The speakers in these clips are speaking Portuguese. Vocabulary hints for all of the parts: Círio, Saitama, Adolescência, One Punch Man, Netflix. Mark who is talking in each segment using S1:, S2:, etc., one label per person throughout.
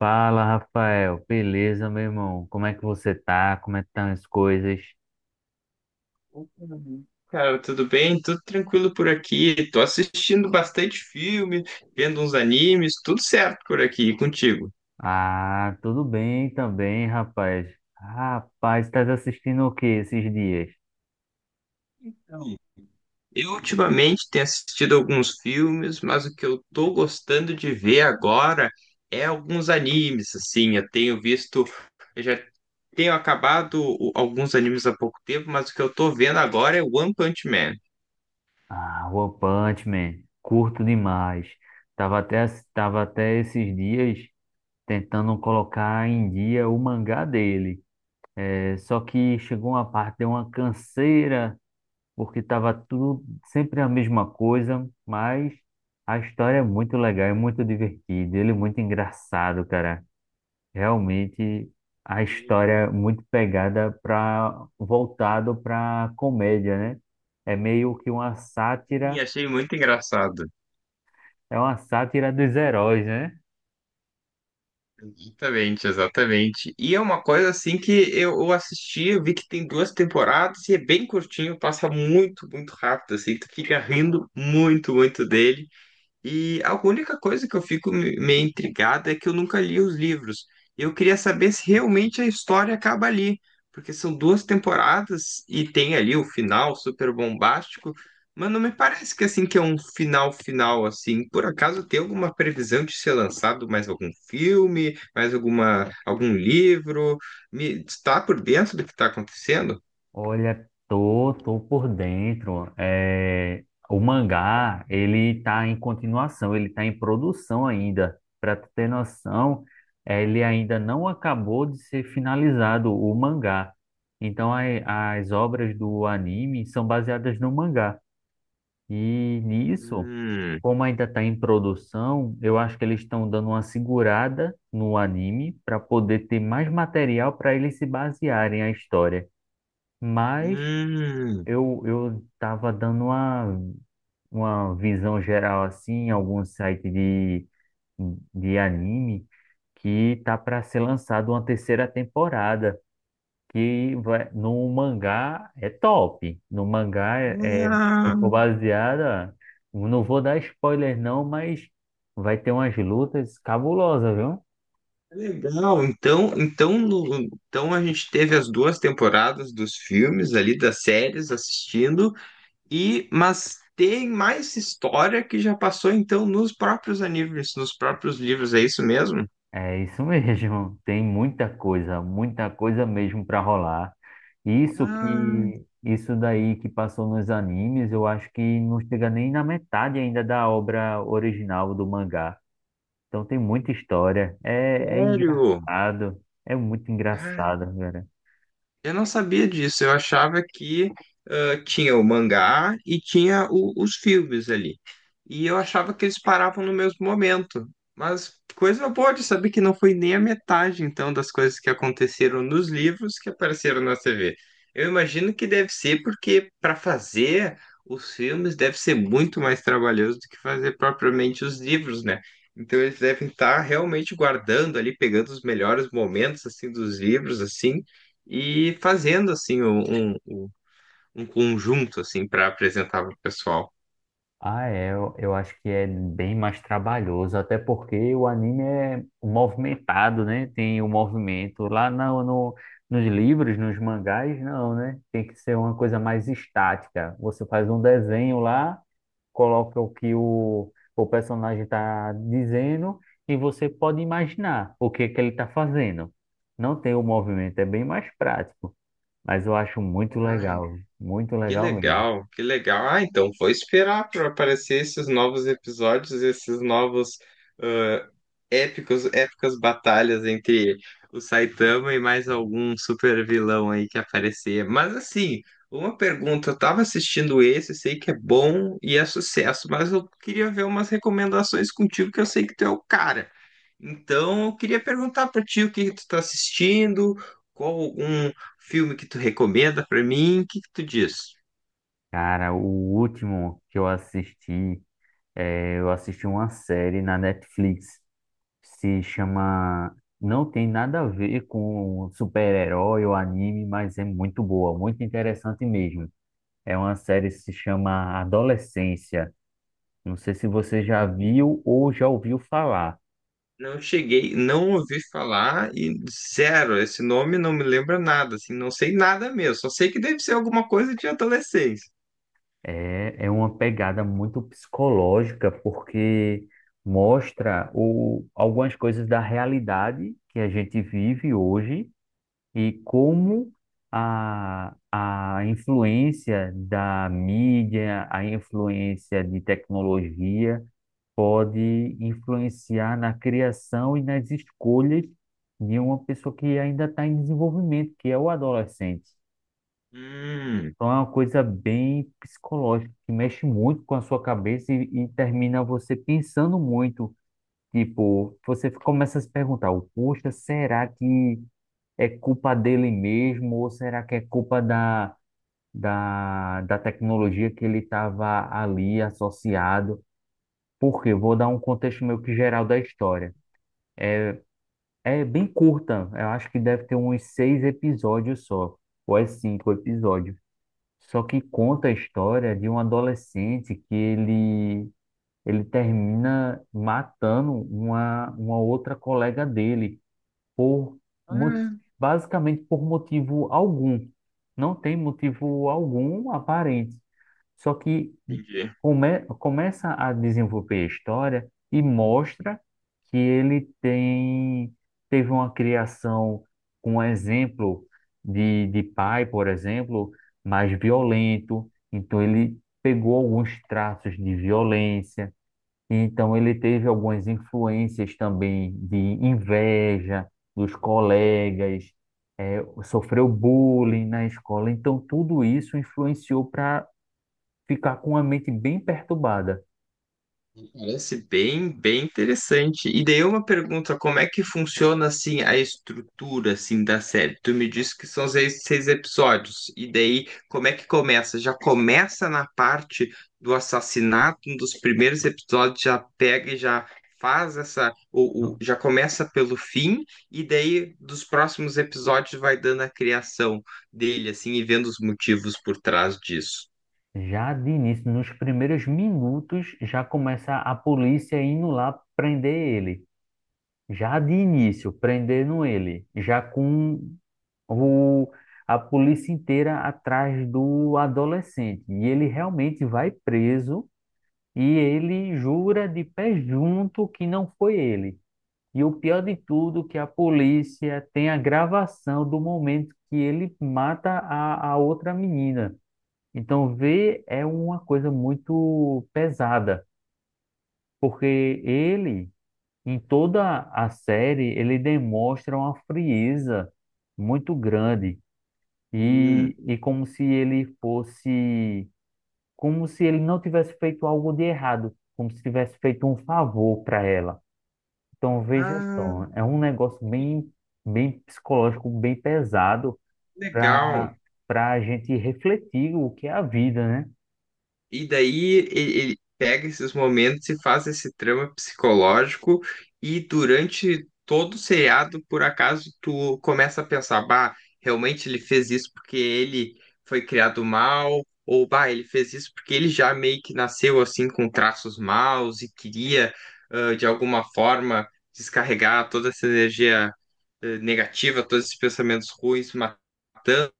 S1: Fala, Rafael. Beleza, meu irmão? Como é que você tá? Como é que estão as coisas?
S2: Cara, tudo bem? Tudo tranquilo por aqui. Tô assistindo bastante filme, vendo uns animes, tudo certo por aqui, e contigo.
S1: Ah, tudo bem também, rapaz. Rapaz, estás assistindo o que esses dias?
S2: Eu ultimamente tenho assistido alguns filmes, mas o que eu tô gostando de ver agora é alguns animes, assim. Eu tenho visto, eu já tenho acabado alguns animes há pouco tempo, mas o que eu tô vendo agora é One Punch Man.
S1: Ah, One Punch Man. Curto demais. Tava até, tava até esses dias tentando colocar em dia o mangá dele. É, só que chegou uma parte, deu uma canseira, porque estava tudo sempre a mesma coisa, mas a história é muito legal, é muito divertida, ele é muito engraçado, cara. Realmente a história é muito pegada para voltado para comédia, né? É meio que uma
S2: E,
S1: sátira,
S2: achei muito engraçado.
S1: é uma sátira dos heróis, né?
S2: Exatamente, exatamente. E é uma coisa assim que eu assisti, eu vi que tem duas temporadas e é bem curtinho, passa muito, muito rápido, assim, tu fica rindo muito, muito dele. E a única coisa que eu fico meio intrigado é que eu nunca li os livros. E eu queria saber se realmente a história acaba ali, porque são duas temporadas e tem ali o final super bombástico, mas não me parece que assim que é um final final assim. Por acaso tem alguma previsão de ser lançado mais algum filme, mais algum livro? Me está por dentro do que está acontecendo?
S1: Olha, tô por dentro. É, o mangá, ele tá em continuação, ele tá em produção ainda. Para tu ter noção, ele ainda não acabou de ser finalizado, o mangá. Então, as obras do anime são baseadas no mangá. E nisso,
S2: Hum,
S1: como ainda está em produção, eu acho que eles estão dando uma segurada no anime para poder ter mais material para eles se basearem a história. Mas
S2: hum.
S1: eu tava dando uma visão geral assim, em algum site de anime que tá para ser lançado uma terceira temporada, que vai, no mangá é top. No mangá é, se for baseada, não vou dar spoiler não, mas vai ter umas lutas cabulosas, viu?
S2: Legal, então, então, então a gente teve as duas temporadas dos filmes ali, das séries assistindo, e mas tem mais história que já passou então nos próprios animes, nos próprios livros, é isso mesmo?
S1: É isso mesmo, tem muita coisa mesmo para rolar. Isso
S2: Ah,
S1: que, isso daí que passou nos animes, eu acho que não chega nem na metade ainda da obra original do mangá. Então tem muita história, é, é
S2: sério?
S1: engraçado, é muito engraçado.
S2: Eu não sabia disso, eu achava que ah, tinha o mangá e tinha os filmes ali. E eu achava que eles paravam no mesmo momento. Mas coisa boa de saber que não foi nem a metade, então, das coisas que aconteceram nos livros que apareceram na TV. Eu imagino que deve ser porque para fazer os filmes deve ser muito mais trabalhoso do que fazer propriamente os livros, né? Então eles devem estar realmente guardando ali, pegando os melhores momentos assim dos livros assim e fazendo assim um conjunto assim para apresentar para o pessoal.
S1: Ah, é, eu acho que é bem mais trabalhoso, até porque o anime é movimentado, né? Tem o movimento. Lá no, nos livros, nos mangás, não, né? Tem que ser uma coisa mais estática. Você faz um desenho lá, coloca o que o personagem está dizendo e você pode imaginar o que é que ele está fazendo. Não tem o movimento, é bem mais prático, mas eu acho
S2: Ai,
S1: muito
S2: que
S1: legal mesmo.
S2: legal, que legal. Ah, então vou esperar para aparecer esses novos episódios, esses novos ah, épicos, épicas batalhas entre o Saitama e mais algum super vilão aí que aparecer. Mas assim, uma pergunta, eu tava assistindo esse, sei que é bom e é sucesso, mas eu queria ver umas recomendações contigo que eu sei que tu é o cara. Então, eu queria perguntar para ti o que tu tá assistindo, qual um filme que tu recomenda para mim, o que que tu diz?
S1: Cara, o último que eu assisti, eu assisti uma série na Netflix, se chama, não tem nada a ver com super-herói ou anime, mas é muito boa, muito interessante mesmo. É uma série que se chama Adolescência. Não sei se você já viu ou já ouviu falar.
S2: Não cheguei, não ouvi falar e zero, esse nome não me lembra nada, assim, não sei nada mesmo, só sei que deve ser alguma coisa de adolescência.
S1: É, é uma pegada muito psicológica, porque mostra o, algumas coisas da realidade que a gente vive hoje e como a influência da mídia, a influência de tecnologia pode influenciar na criação e nas escolhas de uma pessoa que ainda está em desenvolvimento, que é o adolescente.
S2: Hum,
S1: Então é uma coisa bem psicológica, que mexe muito com a sua cabeça e termina você pensando muito. Tipo, você começa a se perguntar, poxa, será que é culpa dele mesmo ou será que é culpa da tecnologia que ele estava ali associado? Porque vou dar um contexto meio que geral da história. É bem curta, eu acho que deve ter uns seis episódios só, ou é cinco episódios. Só que conta a história de um adolescente ele termina matando uma outra colega dele por mo- basicamente por motivo algum. Não tem motivo algum aparente. Só que
S2: entendi.
S1: começa a desenvolver a história e mostra que ele tem teve uma criação com um exemplo de pai, por exemplo, mais violento. Então ele pegou alguns traços de violência, então, ele teve algumas influências também de inveja dos colegas, sofreu bullying na escola. Então, tudo isso influenciou para ficar com a mente bem perturbada.
S2: Parece bem, bem interessante. E daí uma pergunta, como é que funciona assim a estrutura assim da série? Tu me disse que são seis, seis episódios. E daí como é que começa? Já começa na parte do assassinato, um dos primeiros episódios já pega e já faz essa
S1: No-
S2: já começa pelo fim e daí dos próximos episódios vai dando a criação dele assim e vendo os motivos por trás disso.
S1: Já de início, nos primeiros minutos, já começa a polícia indo lá prender ele. Já de início, prendendo ele. Já com o, a polícia inteira atrás do adolescente. E ele realmente vai preso. E ele jura de pé junto que não foi ele. E o pior de tudo, é que a polícia tem a gravação do momento que ele mata a outra menina. Então, ver é uma coisa muito pesada, porque ele, em toda a série, ele demonstra uma frieza muito grande. E,
S2: Hum.
S1: e como se ele fosse, como se ele não tivesse feito algo de errado, como se tivesse feito um favor para ela. Então, veja
S2: Ah,
S1: só, é um negócio bem, bem psicológico, bem pesado para
S2: legal.
S1: a gente refletir o que é a vida, né?
S2: E daí ele pega esses momentos e faz esse trama psicológico, e durante todo o seriado, por acaso, tu começa a pensar, bah, realmente ele fez isso porque ele foi criado mal, ou bah, ele fez isso porque ele já meio que nasceu assim com traços maus e queria, ah, de alguma forma, descarregar toda essa energia, negativa, todos esses pensamentos ruins, matando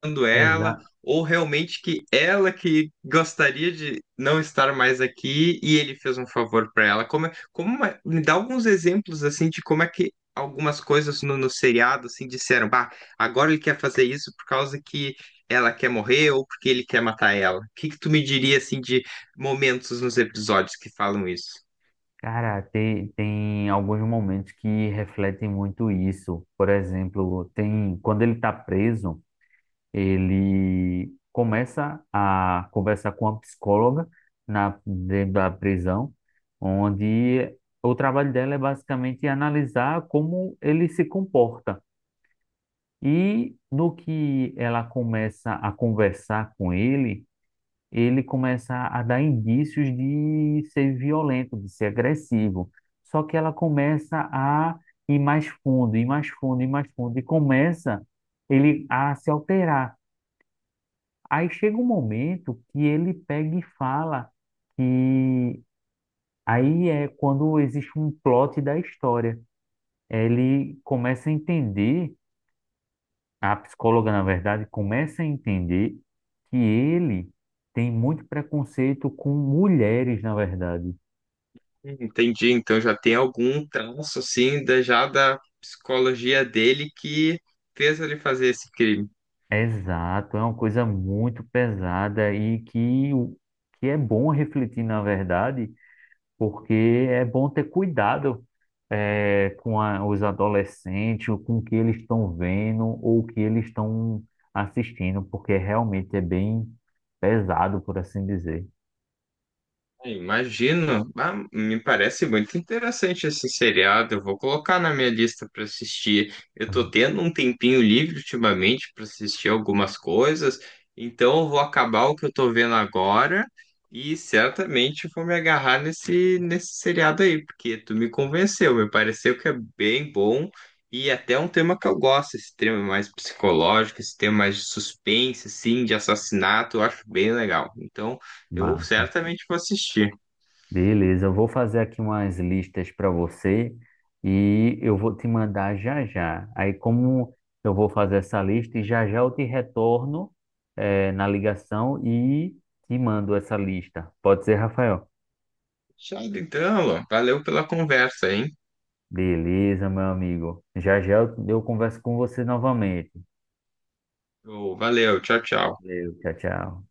S2: procurando
S1: Exa
S2: ela, ou realmente que ela que gostaria de não estar mais aqui e ele fez um favor para ela. Como, como me dá alguns exemplos assim de como é que algumas coisas no seriado assim disseram, bah, agora ele quer fazer isso por causa que ela quer morrer ou porque ele quer matar ela. O que que tu me diria assim de momentos nos episódios que falam isso?
S1: Cara, tem alguns momentos que refletem muito isso. Por exemplo, tem quando ele está preso. Ele começa a conversar com uma psicóloga dentro da prisão, onde o trabalho dela é basicamente analisar como ele se comporta. E no que ela começa a conversar com ele, ele começa a dar indícios de ser violento, de ser agressivo. Só que ela começa a ir mais fundo, ir mais fundo, ir mais fundo, e começa ele a se alterar. Aí chega um momento que ele pega e fala que, aí é quando existe um plot da história. Ele começa a entender, a psicóloga, na verdade, começa a entender que ele tem muito preconceito com mulheres, na verdade.
S2: Entendi, então já tem algum traço assim da, já da psicologia dele que fez ele fazer esse crime.
S1: Exato, é uma coisa muito pesada e que, que é bom refletir, na verdade, porque é bom ter cuidado, com os adolescentes, ou com o que eles estão vendo ou o que eles estão assistindo, porque realmente é bem pesado, por assim dizer.
S2: Imagino. Ah, me parece muito interessante esse seriado. Eu vou colocar na minha lista para assistir. Eu tô tendo um tempinho livre ultimamente para assistir algumas coisas, então eu vou acabar o que eu tô vendo agora e certamente vou me agarrar nesse seriado aí, porque tu me convenceu. Me pareceu que é bem bom e até é um tema que eu gosto, esse tema mais psicológico, esse tema mais de suspense, assim, de assassinato, eu acho bem legal. Então eu
S1: Mas,
S2: certamente vou assistir.
S1: beleza, eu vou fazer aqui umas listas para você e eu vou te mandar já já. Aí, como eu vou fazer essa lista e já já eu te retorno, na ligação e te mando essa lista. Pode ser, Rafael?
S2: Fechado então, Alan. Valeu pela conversa, hein?
S1: Beleza, meu amigo. Já já eu converso com você novamente.
S2: Ô, valeu, tchau, tchau.
S1: Valeu, tchau, tchau.